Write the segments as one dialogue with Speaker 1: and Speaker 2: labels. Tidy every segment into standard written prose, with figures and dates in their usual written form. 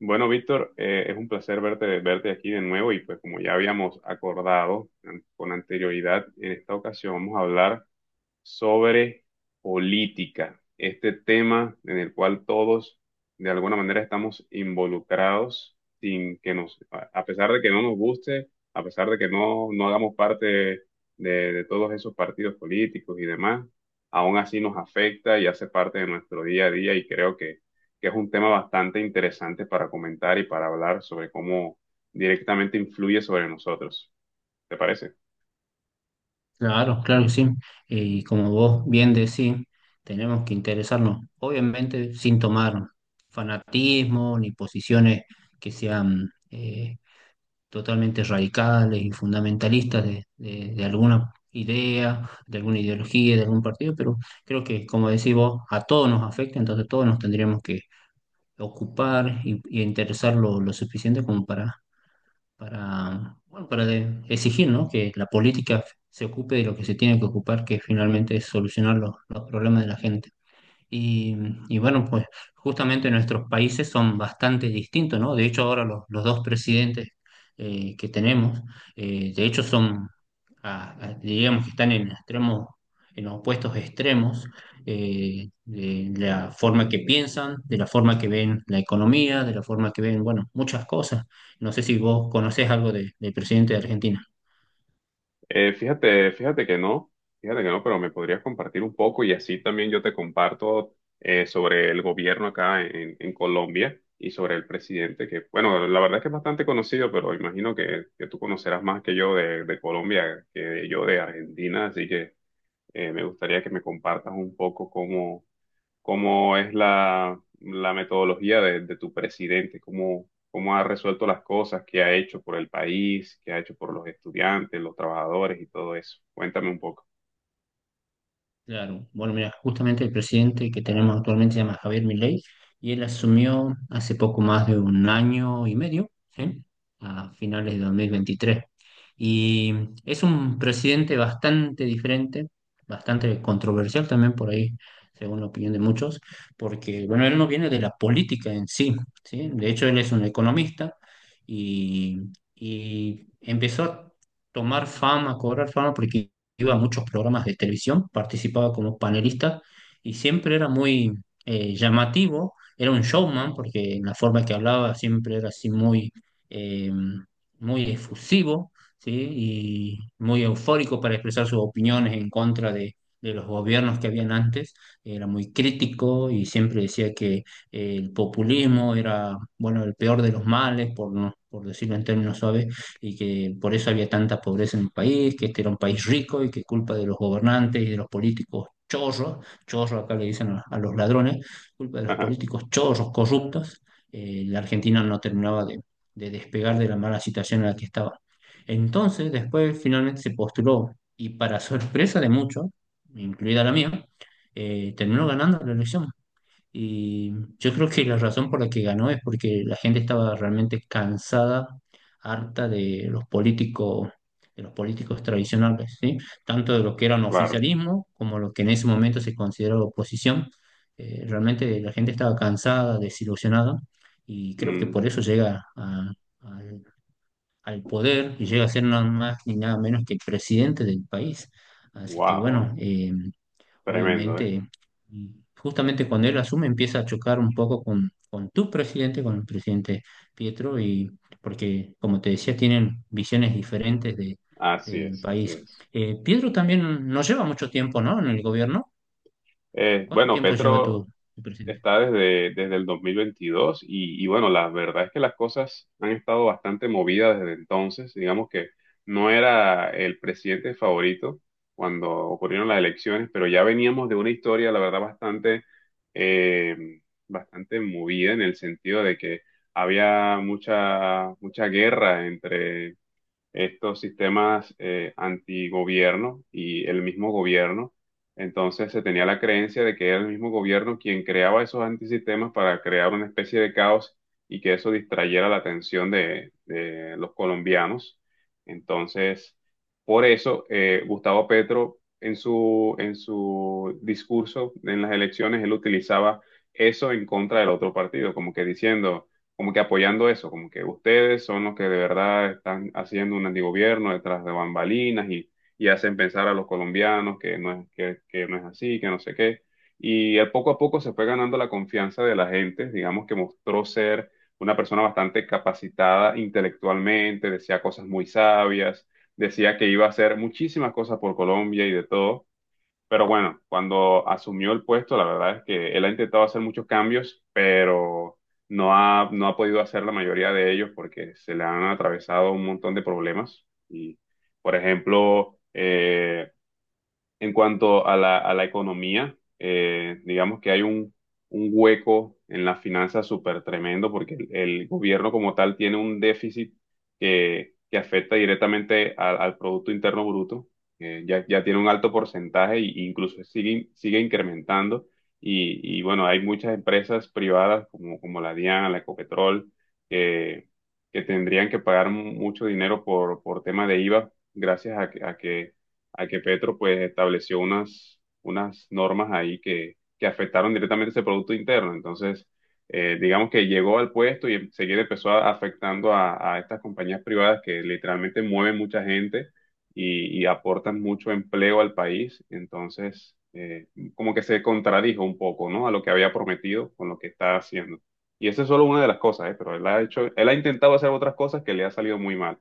Speaker 1: Bueno, Víctor, es un placer verte, verte aquí de nuevo y pues como ya habíamos acordado con anterioridad, en esta ocasión vamos a hablar sobre política, este tema en el cual todos de alguna manera estamos involucrados sin que nos, a pesar de que no nos guste, a pesar de que no hagamos parte de todos esos partidos políticos y demás, aún así nos afecta y hace parte de nuestro día a día y creo que es un tema bastante interesante para comentar y para hablar sobre cómo directamente influye sobre nosotros. ¿Te parece?
Speaker 2: Claro, claro que sí. Y como vos bien decís, tenemos que interesarnos, obviamente sin tomar fanatismo ni posiciones que sean totalmente radicales y fundamentalistas de alguna idea, de alguna ideología, de algún partido. Pero creo que, como decís vos, a todos nos afecta, entonces todos nos tendríamos que ocupar y interesar lo suficiente como para bueno, para exigir, ¿no?, que la política se ocupe de lo que se tiene que ocupar, que finalmente es solucionar los problemas de la gente. Y, y bueno, pues justamente nuestros países son bastante distintos, ¿no? De hecho, ahora los dos presidentes que tenemos, de hecho, digamos que están en extremos, en opuestos extremos, de la forma que piensan, de la forma que ven la economía, de la forma que ven, bueno, muchas cosas. No sé si vos conocés algo del presidente de Argentina.
Speaker 1: Fíjate, fíjate que no, pero me podrías compartir un poco y así también yo te comparto sobre el gobierno acá en Colombia y sobre el presidente, que bueno, la verdad es que es bastante conocido, pero imagino que tú conocerás más que yo de Colombia que yo de Argentina, así que me gustaría que me compartas un poco cómo cómo es la metodología de tu presidente, cómo, cómo ha resuelto las cosas, qué ha hecho por el país, qué ha hecho por los estudiantes, los trabajadores y todo eso. Cuéntame un poco.
Speaker 2: Claro, bueno, mira, justamente el presidente que tenemos actualmente se llama Javier Milei y él asumió hace poco más de un año y medio, ¿sí? A finales de 2023. Y es un presidente bastante diferente, bastante controversial también por ahí, según la opinión de muchos, porque, bueno, él no viene de la política en sí, ¿sí? De hecho, él es un economista y, y empezó a tomar fama, a cobrar fama, porque iba a muchos programas de televisión, participaba como panelista y siempre era muy llamativo, era un showman porque en la forma que hablaba siempre era así muy, eh, muy efusivo, ¿sí? Y muy eufórico para expresar sus opiniones en contra de los gobiernos que habían antes. Era muy crítico y siempre decía que el populismo era, bueno, el peor de los males, por, no, por decirlo en términos suaves, y que por eso había tanta pobreza en el país, que este era un país rico y que culpa de los gobernantes y de los políticos chorros, chorros acá le dicen a los ladrones, culpa de los políticos chorros corruptos, la Argentina no terminaba de despegar de la mala situación en la que estaba. Entonces, después finalmente se postuló y para sorpresa de muchos, incluida la mía, terminó ganando la elección. Y yo creo que la razón por la que ganó es porque la gente estaba realmente cansada, harta de los políticos tradicionales, ¿sí? Tanto de los que eran
Speaker 1: Claro.
Speaker 2: oficialismo como los que en ese momento se consideraba oposición. Realmente la gente estaba cansada, desilusionada, y creo que
Speaker 1: Mm,
Speaker 2: por eso llega al, al poder y llega a ser nada más ni nada menos que el presidente del país. Así que
Speaker 1: wow.
Speaker 2: bueno,
Speaker 1: Tremendo, ¿eh?
Speaker 2: obviamente, y justamente cuando él asume empieza a chocar un poco con tu presidente, con el presidente Pietro, y porque, como te decía, tienen visiones diferentes
Speaker 1: Así
Speaker 2: del
Speaker 1: es, así
Speaker 2: país.
Speaker 1: es.
Speaker 2: Pietro también no lleva mucho tiempo, ¿no?, en el gobierno. ¿Cuánto
Speaker 1: Bueno,
Speaker 2: tiempo lleva tu,
Speaker 1: Petro
Speaker 2: tu presidente?
Speaker 1: está desde, desde el 2022 y bueno, la verdad es que las cosas han estado bastante movidas desde entonces. Digamos que no era el presidente favorito cuando ocurrieron las elecciones, pero ya veníamos de una historia, la verdad, bastante, eh, bastante movida en el sentido de que había mucha, mucha guerra entre estos sistemas antigobierno y el mismo gobierno. Entonces se tenía la creencia de que era el mismo gobierno quien creaba esos antisistemas para crear una especie de caos y que eso distrayera la atención de los colombianos. Entonces, por eso Gustavo Petro en en su discurso en las elecciones, él utilizaba eso en contra del otro partido, como que diciendo como que apoyando eso, como que ustedes son los que de verdad están haciendo un antigobierno detrás de bambalinas y hacen pensar a los colombianos que no es así, que no sé qué. Y él poco a poco se fue ganando la confianza de la gente, digamos que mostró ser una persona bastante capacitada intelectualmente, decía cosas muy sabias, decía que iba a hacer muchísimas cosas por Colombia y de todo. Pero bueno, cuando asumió el puesto, la verdad es que él ha intentado hacer muchos cambios, pero no ha podido hacer la mayoría de ellos porque se le han atravesado un montón de problemas. Y, por ejemplo, en cuanto a a la economía, digamos que hay un hueco en las finanzas súper tremendo porque el gobierno como tal tiene un déficit que afecta directamente al Producto Interno Bruto. Ya tiene un alto porcentaje e incluso sigue, sigue incrementando. Y bueno, hay muchas empresas privadas como la DIAN, la Ecopetrol, que, que tendrían que pagar mucho dinero por tema de IVA gracias a que Petro pues estableció unas, unas normas ahí que afectaron directamente ese Producto Interno. Entonces, digamos que llegó al puesto y enseguida afectando a estas compañías privadas que literalmente mueven mucha gente y aportan mucho empleo al país. Entonces, como que se contradijo un poco, ¿no? A lo que había prometido con lo que está haciendo. Y esa es solo una de las cosas, ¿eh? Pero él ha hecho, él ha intentado hacer otras cosas que le ha salido muy mal.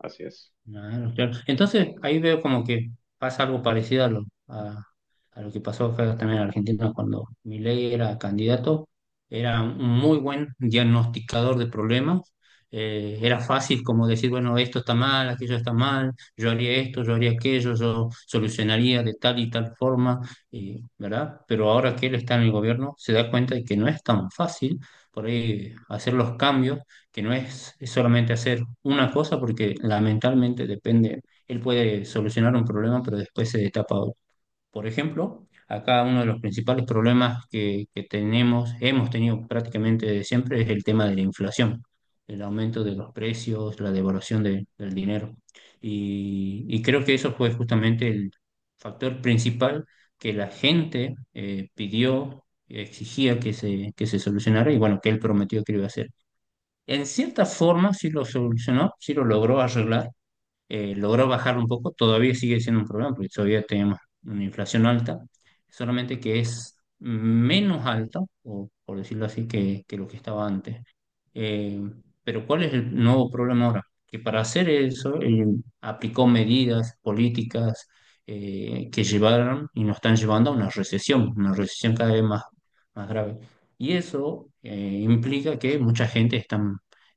Speaker 1: Así es.
Speaker 2: Claro, claro. Entonces ahí veo como que pasa algo parecido a lo que pasó acá también en Argentina cuando Milei era candidato. Era un muy buen diagnosticador de problemas. Era fácil como decir, bueno, esto está mal, aquello está mal, yo haría esto, yo haría aquello, yo solucionaría de tal y tal forma, ¿verdad? Pero ahora que él está en el gobierno, se da cuenta de que no es tan fácil por ahí hacer los cambios, que no es, es solamente hacer una cosa, porque lamentablemente depende, él puede solucionar un problema, pero después se destapa otro. Por ejemplo, acá uno de los principales problemas que tenemos, hemos tenido prácticamente desde siempre, es el tema de la inflación, el aumento de los precios, la devaluación del dinero. Y creo que eso fue justamente el factor principal que la gente pidió, exigía que que se solucionara y bueno, que él prometió que lo iba a hacer. En cierta forma sí lo solucionó, sí lo logró arreglar, logró bajar un poco, todavía sigue siendo un problema porque todavía tenemos una inflación alta, solamente que es menos alta, o por decirlo así, que lo que estaba antes. Eh, pero ¿cuál es el nuevo problema ahora? Que para hacer eso, él aplicó medidas políticas que llevaron y nos están llevando a una recesión cada vez más, más grave. Y eso implica que mucha gente está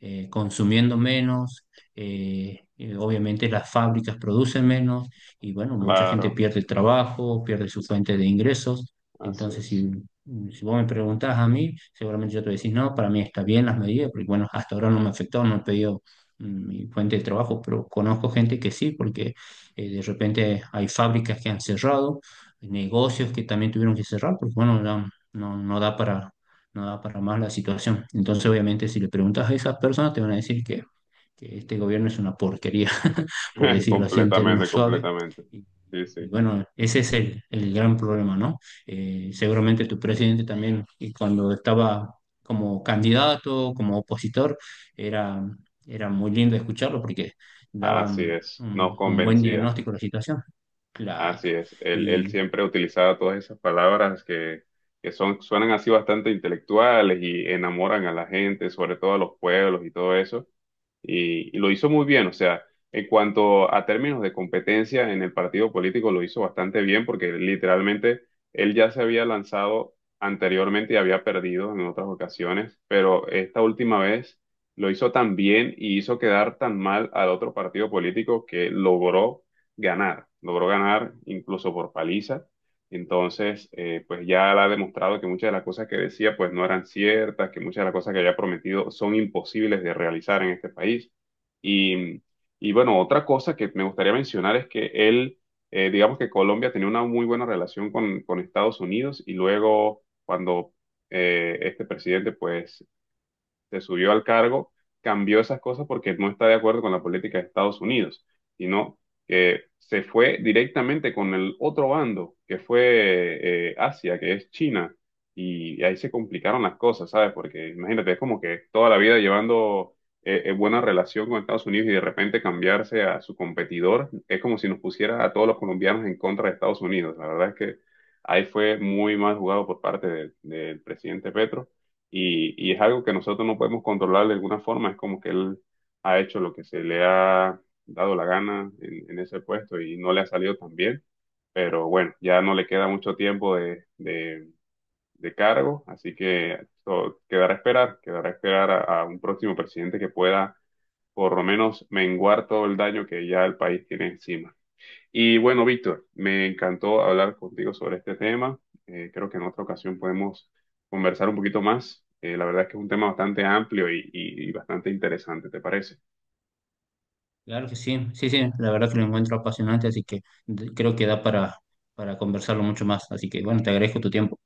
Speaker 2: consumiendo menos, obviamente las fábricas producen menos y bueno, mucha gente
Speaker 1: Claro,
Speaker 2: pierde el trabajo, pierde su fuente de ingresos.
Speaker 1: así
Speaker 2: Entonces,
Speaker 1: es.
Speaker 2: si vos me preguntás a mí, seguramente yo te voy a decir, no, para mí está bien las medidas, porque bueno, hasta ahora no me afectó, no he pedido mi fuente de trabajo, pero conozco gente que sí, porque de repente hay fábricas que han cerrado, negocios que también tuvieron que cerrar, porque bueno, no da para, no da para más la situación. Entonces, obviamente, si le preguntas a esas personas, te van a decir que este gobierno es una porquería, por decirlo así en términos
Speaker 1: Completamente,
Speaker 2: suaves.
Speaker 1: completamente.
Speaker 2: Y,
Speaker 1: Sí,
Speaker 2: y
Speaker 1: sí,
Speaker 2: bueno, ese es el gran problema, ¿no? Seguramente tu presidente también, y cuando estaba como candidato, como opositor, era, era muy lindo escucharlo porque
Speaker 1: así
Speaker 2: daban
Speaker 1: es, nos
Speaker 2: un buen
Speaker 1: convencía,
Speaker 2: diagnóstico de la situación.
Speaker 1: así
Speaker 2: Claro.
Speaker 1: es. Él
Speaker 2: Y
Speaker 1: siempre utilizaba todas esas palabras que son, suenan así bastante intelectuales y enamoran a la gente, sobre todo a los pueblos y todo eso, y lo hizo muy bien. O sea, en cuanto a términos de competencia en el partido político, lo hizo bastante bien porque literalmente él ya se había lanzado anteriormente y había perdido en otras ocasiones, pero esta última vez lo hizo tan bien y hizo quedar tan mal al otro partido político que logró ganar incluso por paliza. Entonces, pues ya él ha demostrado que muchas de las cosas que decía pues no eran ciertas, que muchas de las cosas que había prometido son imposibles de realizar en este país. Y, y bueno, otra cosa que me gustaría mencionar es que él, digamos que Colombia tenía una muy buena relación con Estados Unidos y luego cuando este presidente pues se subió al cargo, cambió esas cosas porque no está de acuerdo con la política de Estados Unidos, sino que se fue directamente con el otro bando, que fue Asia, que es China, y ahí se complicaron las cosas, ¿sabes? Porque imagínate, es como que toda la vida llevando buena relación con Estados Unidos y de repente cambiarse a su competidor, es como si nos pusiera a todos los colombianos en contra de Estados Unidos. La verdad es que ahí fue muy mal jugado por parte del presidente Petro y es algo que nosotros no podemos controlar de alguna forma, es como que él ha hecho lo que se le ha dado la gana en ese puesto y no le ha salido tan bien, pero bueno, ya no le queda mucho tiempo de cargo, así que quedará a esperar a un próximo presidente que pueda por lo menos menguar todo el daño que ya el país tiene encima. Y bueno, Víctor, me encantó hablar contigo sobre este tema. Creo que en otra ocasión podemos conversar un poquito más. La verdad es que es un tema bastante amplio y, y bastante interesante, ¿te parece?
Speaker 2: claro que sí, sí, sí, la verdad que lo encuentro apasionante, así que creo que da para conversarlo mucho más. Así que bueno, te agradezco tu tiempo.